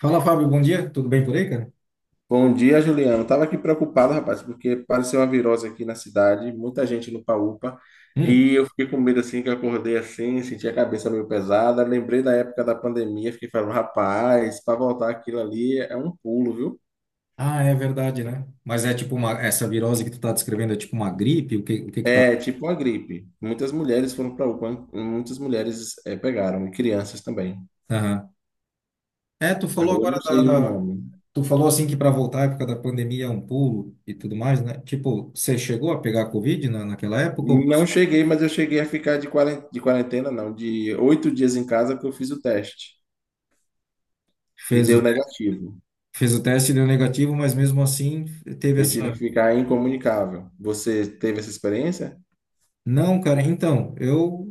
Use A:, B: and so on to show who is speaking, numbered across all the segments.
A: Fala, Fábio, bom dia. Tudo bem por aí, cara?
B: Bom dia, Juliano. Estava aqui preocupado, rapaz, porque apareceu uma virose aqui na cidade, muita gente no UPA,
A: Hum.
B: e eu fiquei com medo assim que eu acordei assim, senti a cabeça meio pesada. Lembrei da época da pandemia, fiquei falando, rapaz, para voltar aquilo ali é um pulo, viu?
A: Ah, é verdade, né? Mas essa virose que tu tá descrevendo é tipo uma gripe? O que que tá?
B: É tipo uma gripe. Muitas mulheres foram para UPA, hein? Muitas mulheres pegaram, e crianças também.
A: Aham. É, tu
B: Aí
A: falou
B: eu não
A: agora da,
B: sei o
A: da-
B: nome.
A: tu falou assim que para voltar à época da pandemia é um pulo e tudo mais, né? Tipo, você chegou a pegar Covid na, naquela época ou
B: Não
A: passou?
B: cheguei, mas eu cheguei a ficar de quarentena, não, de 8 dias em casa que eu fiz o teste e
A: Fez
B: deu
A: o,
B: negativo.
A: fez o teste e deu negativo, mas mesmo assim teve
B: Eu tive que
A: essa.
B: ficar incomunicável. Você teve essa experiência?
A: Não, cara, então, eu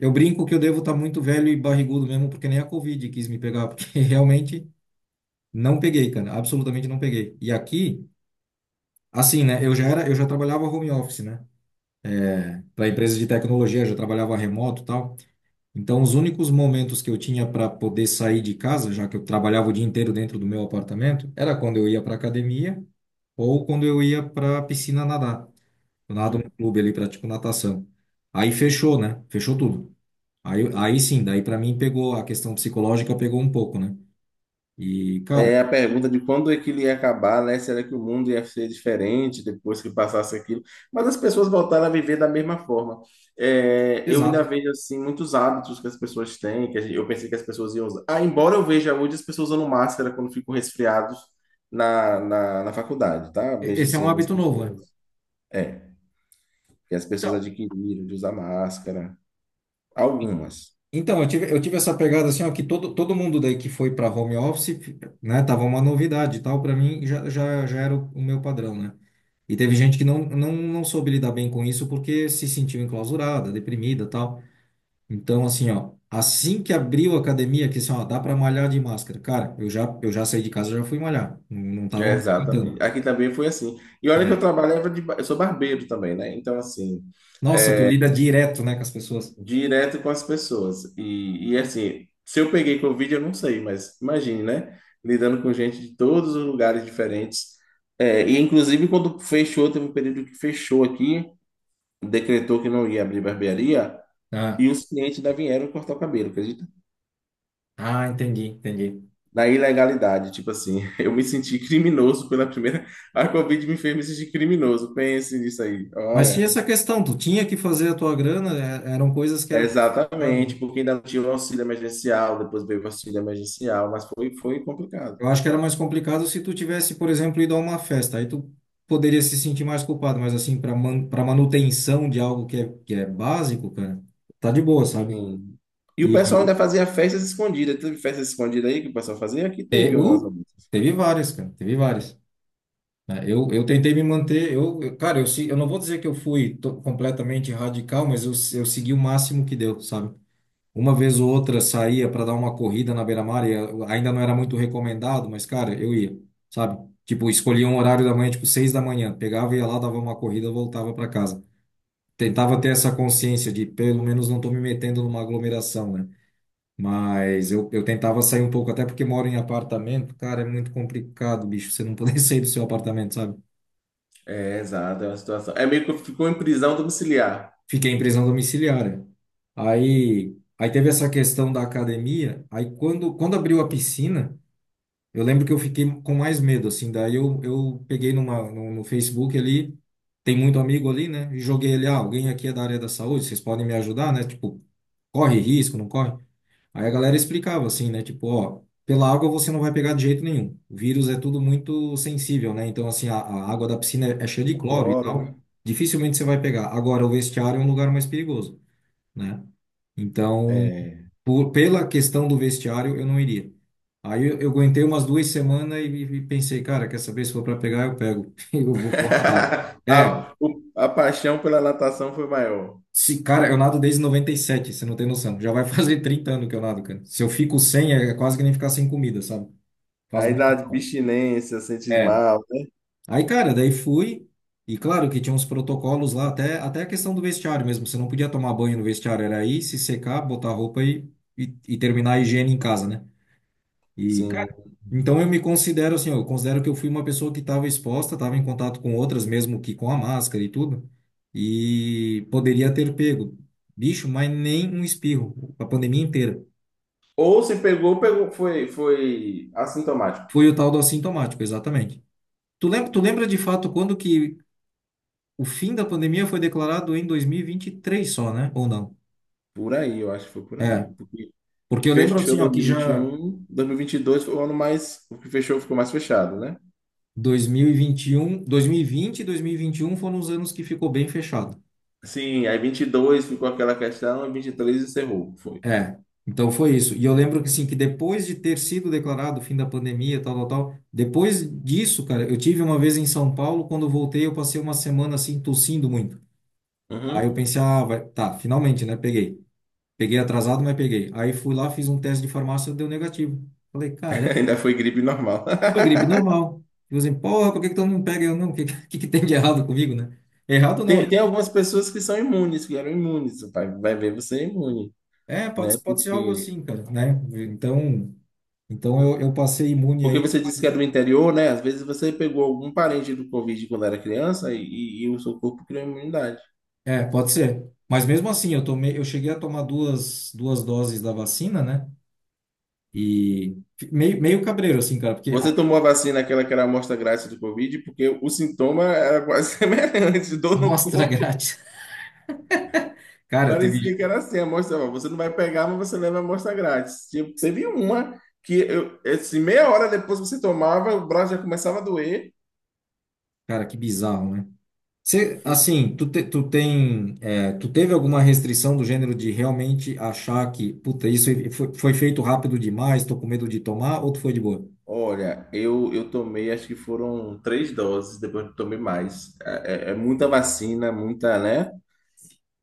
A: eu brinco que eu devo estar muito velho e barrigudo mesmo, porque nem a Covid quis me pegar, porque realmente não peguei, cara, absolutamente não peguei. E aqui, assim, né, eu já trabalhava home office, né? Para empresa de tecnologia, já trabalhava remoto, e tal. Então, os únicos momentos que eu tinha para poder sair de casa, já que eu trabalhava o dia inteiro dentro do meu apartamento, era quando eu ia para academia ou quando eu ia para piscina nadar. Eu nado
B: Uhum.
A: no clube ali, pratico natação. Aí fechou, né? Fechou tudo. Aí sim, daí para mim pegou a questão psicológica, pegou um pouco, né? E, cara,
B: É a pergunta de quando é que ele ia acabar, né? Será que o mundo ia ser diferente depois que passasse aquilo? Mas as pessoas voltaram a viver da mesma forma. É, eu ainda
A: exato.
B: vejo assim muitos hábitos que as pessoas têm, que eu pensei que as pessoas iam usar. Ah, embora eu veja hoje as pessoas usando máscara quando ficam resfriados na faculdade, tá?
A: E-
B: Vejo
A: Esse é
B: assim
A: um
B: algumas
A: hábito novo, né?
B: pessoas. É, que as pessoas adquiriram de usar máscara. Algumas.
A: Então, eu tive essa pegada assim, ó, que todo mundo daí que foi para home office, né, tava uma novidade e tal, para mim já era o meu padrão, né? E teve gente que não soube lidar bem com isso porque se sentiu enclausurada, deprimida, e tal. Então, assim, ó, assim que abriu a academia, que assim, ó, dá para malhar de máscara. Cara, eu já saí de casa, já fui malhar, não, não tava
B: É,
A: mais aguentando.
B: exatamente. Aqui também foi assim. E olha que eu trabalhava eu sou barbeiro também, né? Então, assim,
A: Nossa, tu lida direto, né, com as pessoas.
B: direto com as pessoas. E assim, se eu peguei Covid, eu não sei, mas imagine, né? Lidando com gente de todos os lugares diferentes. É, e inclusive quando fechou, teve um período que fechou aqui, decretou que não ia abrir barbearia,
A: Ah,
B: e os clientes ainda vieram cortar o cabelo, acredita?
A: ah, entendi, entendi.
B: Na ilegalidade, tipo assim, eu me senti criminoso pela primeira. A Covid me fez me sentir criminoso. Pense nisso aí.
A: Mas
B: Olha.
A: tinha essa questão, tu tinha que fazer a tua grana, é- eram coisas que era complicado,
B: Exatamente,
A: né?
B: porque ainda não tinha o auxílio emergencial, depois veio o auxílio emergencial, mas foi complicado.
A: Eu acho que era mais complicado se tu tivesse, por exemplo, ido a uma festa, aí tu poderia se sentir mais culpado, mas assim, para man, para manutenção de algo que é básico, cara, tá de boa, sabe?
B: Sim. E o
A: E
B: pessoal ainda fazia festas escondidas. Teve festas escondidas aí que o pessoal fazia? Aqui
A: te-
B: teve umas.
A: uh, teve várias, cara, teve várias. Né? Eu tentei me manter, cara, eu não vou dizer que eu fui to- completamente radical, mas eu segui o máximo que deu, sabe? Uma vez ou outra saía para dar uma corrida na beira-mar e ainda não era muito recomendado, mas, cara, eu ia, sabe? Tipo, escolhia um horário da manhã, tipo, 6 da manhã, pegava, ia lá, dava uma corrida, voltava para casa. Tentava ter essa consciência de, pelo menos, não tô me metendo numa aglomeração, né? Mas eu tentava sair um pouco, até porque moro em apartamento, cara, é muito complicado, bicho, você não poder sair do seu apartamento, sabe?
B: É, exato, é uma situação. É meio que ficou em prisão domiciliar.
A: Fiquei em prisão domiciliar, né? Aí teve essa questão da academia, aí quando abriu a piscina. Eu lembro que eu fiquei com mais medo, assim. Daí eu peguei numa, no, no Facebook ali, tem muito amigo ali, né? E joguei ele, ah, alguém aqui é da área da saúde, vocês podem me ajudar, né? Tipo, corre risco, não corre? Aí a galera explicava assim, né? Tipo, ó, pela água você não vai pegar de jeito nenhum. O vírus é tudo muito sensível, né? Então, assim, a água da piscina é cheia de
B: O
A: cloro e
B: cloro, né?
A: tal. Dificilmente você vai pegar. Agora, o vestiário é um lugar mais perigoso, né? Então,
B: É.
A: por, pela questão do vestiário, eu não iria. Aí eu aguentei umas 2 semanas e pensei, cara, quer saber, se for para pegar, eu pego. Eu vou nadar. É,
B: A paixão pela natação foi maior.
A: se, cara, eu nado desde noventa e sete, você não tem noção. Já vai fazer 30 anos que eu nado, cara. Se eu fico sem, é, é quase que nem ficar sem comida, sabe? Faz
B: Aí dá
A: muita falta.
B: abstinência, sente
A: É.
B: mal, né?
A: Aí, cara, daí fui. E claro que tinha uns protocolos lá, até, até a questão do vestiário mesmo. Você não podia tomar banho no vestiário, era ir, se secar, botar roupa e terminar a higiene em casa, né? E, cara,
B: Sim.
A: então eu me considero assim, eu considero que eu fui uma pessoa que estava exposta, estava em contato com outras, mesmo que com a máscara e tudo, e poderia ter pego, bicho, mas nem um espirro, a pandemia inteira.
B: Ou se pegou, pegou, foi assintomático.
A: Foi o tal do assintomático, exatamente. Tu lembra de fato quando que o fim da pandemia foi declarado em 2023 só, né? Ou não?
B: Por aí, eu acho que foi por
A: É,
B: aí.
A: porque eu lembro
B: Fechou
A: assim, ó, que já
B: 2021, 2022 foi o ano mais, o que fechou ficou mais fechado, né?
A: 2021, 2020 e 2021 foram os anos que ficou bem fechado.
B: Sim, aí 22 ficou aquela questão, 23 encerrou, foi.
A: É, então foi isso. E eu lembro que assim, que depois de ter sido declarado o fim da pandemia, tal, tal, tal, depois disso, cara, eu tive uma vez em São Paulo, quando eu voltei, eu passei uma semana assim tossindo muito. Aí eu
B: Uhum.
A: pensei, ah, vai, tá, finalmente, né, peguei. Peguei atrasado, mas peguei. Aí fui lá, fiz um teste de farmácia, deu negativo. Falei, cara,
B: Ainda foi gripe normal.
A: foi gripe normal. E assim, porra, por que que todo mundo pega? Eu não, o que, que tem de errado comigo, né? Errado não, né?
B: Tem algumas pessoas que são imunes, que eram imunes, vai ver você é imune,
A: É, pode,
B: né?
A: pode ser algo
B: Porque,
A: assim, cara, né? Então, eu passei imune a
B: porque
A: isso.
B: você disse que é do interior, né? Às vezes você pegou algum parente do Covid quando era criança e o seu corpo criou imunidade.
A: É, pode ser. Mas mesmo assim, eu tomei, eu cheguei a tomar duas doses da vacina, né? E fi- meio cabreiro, assim, cara, porque
B: Você
A: a
B: tomou a vacina, aquela que era a amostra grátis do Covid, porque o sintoma era quase semelhante,
A: a
B: dor no
A: amostra
B: corpo.
A: grátis. Cara, teve.
B: Parecia que era assim, a amostra, ó, você não vai pegar, mas você leva a amostra grátis. Tipo, teve uma que eu, assim, meia hora depois que você tomava, o braço já começava a doer.
A: Cara, que bizarro, né? Você,
B: Fu-
A: assim, tu tem. É, tu teve alguma restrição do gênero de realmente achar que, puta, isso foi, foi feito rápido demais, tô com medo de tomar, ou tu foi de boa?
B: Olha, eu tomei, acho que foram 3 doses, depois eu tomei mais. É muita vacina, muita, né?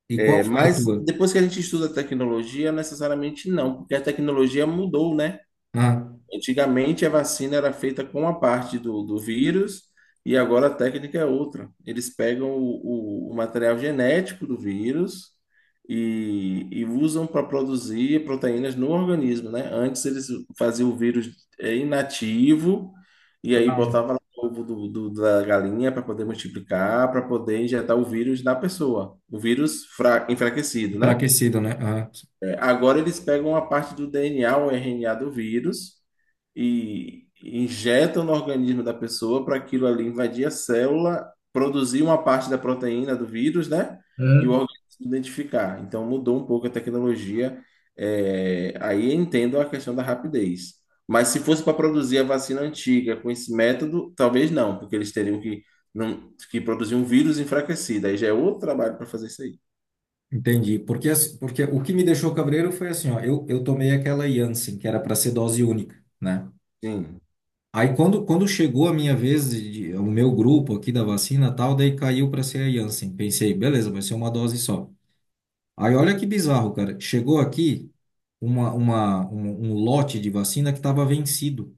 A: E qual
B: É,
A: foi a
B: mas
A: tua?
B: depois que a gente estuda a tecnologia, necessariamente não, porque a tecnologia mudou, né?
A: Ah,
B: Antigamente a vacina era feita com uma parte do vírus, e agora a técnica é outra. Eles pegam o material genético do vírus, e usam para produzir proteínas no organismo, né? Antes eles faziam o vírus inativo, e aí
A: ah,
B: botava lá o ovo da galinha para poder multiplicar, para poder injetar o vírus na pessoa, o vírus enfraquecido, né?
A: enfraquecido, né?
B: Agora eles pegam a parte do DNA ou RNA do vírus e injetam no organismo da pessoa para aquilo ali invadir a célula, produzir uma parte da proteína do vírus, né? E o
A: Ah.
B: organismo identificar. Então mudou um pouco a tecnologia. É, aí entendo a questão da rapidez. Mas se fosse para produzir a vacina antiga com esse método, talvez não, porque eles teriam que, não, que produzir um vírus enfraquecido. Aí já é outro trabalho para fazer isso aí.
A: Entendi. Porque, as- porque o que me deixou cabreiro foi assim, ó, eu tomei aquela Janssen, que era para ser dose única, né?
B: Sim,
A: Aí quando chegou a minha vez, o meu grupo aqui da vacina e tal, daí caiu para ser a Janssen. Pensei, beleza, vai ser uma dose só. Aí olha que bizarro, cara. Chegou aqui um lote de vacina que estava vencido.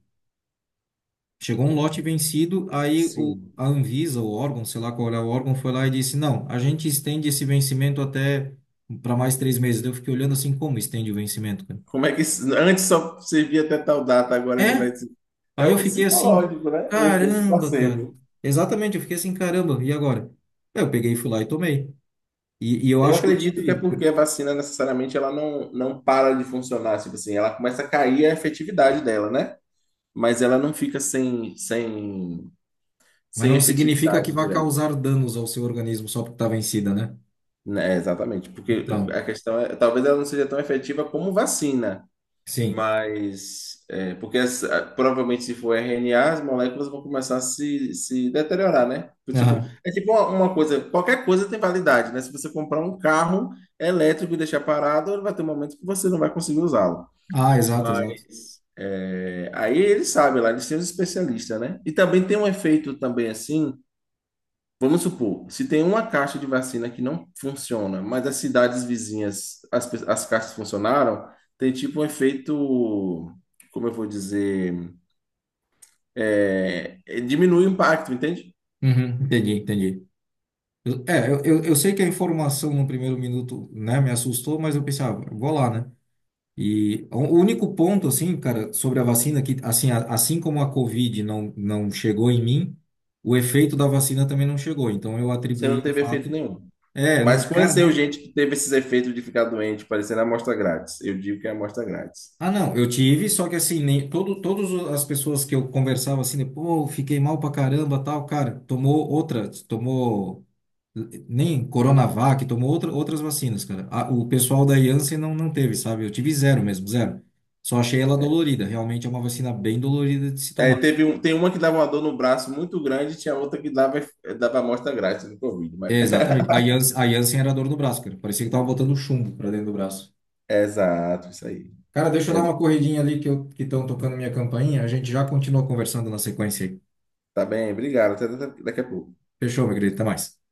A: Chegou um lote vencido, aí o,
B: sim.
A: a, Anvisa, o órgão, sei lá qual é o órgão, foi lá e disse: Não, a gente estende esse vencimento até para mais 3 meses. Daí eu fiquei olhando assim: Como estende o vencimento, cara?
B: Como é que isso- Antes só servia até tal data, agora ele
A: É?
B: vai ser. É
A: Aí eu
B: o
A: fiquei assim:
B: psicológico, né? O efeito
A: Caramba, cara.
B: placebo.
A: Exatamente, eu fiquei assim: Caramba, e agora? Aí eu peguei, e fui lá e tomei. E eu
B: Eu
A: acho que eu
B: acredito que é
A: tive,
B: porque a vacina necessariamente ela não para de funcionar, tipo assim, ela começa a cair a efetividade dela, né? Mas ela não fica sem, sem,
A: mas
B: sem
A: não significa que
B: efetividade
A: vá
B: direta.
A: causar danos ao seu organismo só porque está vencida, né?
B: Né, é, exatamente, porque
A: Então,
B: a questão é, talvez ela não seja tão efetiva como vacina.
A: sim.
B: Mas, é, porque provavelmente se for RNA, as moléculas vão começar a se deteriorar, né? Do tipo,
A: Aham.
B: é tipo uma coisa, qualquer coisa tem validade, né? Se você comprar um carro elétrico e deixar parado, ele vai ter um momento que você não vai conseguir usá-lo.
A: Ah, exato, exato.
B: Mas, é, aí eles sabem lá, eles têm os especialistas, né? E também tem um efeito também, assim, vamos supor, se tem uma caixa de vacina que não funciona, mas as cidades vizinhas, as caixas funcionaram, tem tipo um efeito, como eu vou dizer, diminui o impacto, entende?
A: Uhum, entendi, entendi. Eu- É, eu sei que a informação no primeiro minuto, né, me assustou, mas eu pensava, vou lá, né? E o único ponto, assim, cara, sobre a vacina, que, assim, a- assim como a Covid não chegou em mim, o efeito da vacina também não chegou. Então, eu
B: Você não
A: atribuí o
B: teve efeito
A: fato.
B: nenhum.
A: É, eu não,
B: Mas
A: cara,
B: conheceu
A: mas.
B: gente que teve esses efeitos de ficar doente, parecendo amostra grátis. Eu digo que é amostra grátis.
A: Ah, não, eu tive, só que assim, nem, todo, todas as pessoas que eu conversava assim, pô, fiquei mal pra caramba, tal, cara, tomou outra, tomou. Nem Coronavac, tomou outras vacinas, cara. O pessoal da Janssen não teve, sabe? Eu tive zero mesmo, zero. Só achei ela
B: É.
A: dolorida. Realmente é uma vacina bem dolorida de se
B: É,
A: tomar.
B: teve um, tem uma que dava uma dor no braço muito grande, tinha outra que dava, amostra grátis no Covid. Mas...
A: É, exatamente. A Janssen era dor no braço, cara. Parecia que tava botando chumbo pra dentro do braço.
B: Exato, isso aí.
A: Cara, deixa eu dar
B: É.
A: uma corridinha ali que que estão tocando minha campainha. A gente já continua conversando na sequência aí.
B: Tá bem, obrigado. Até daqui a pouco.
A: Fechou, meu querido. Até mais.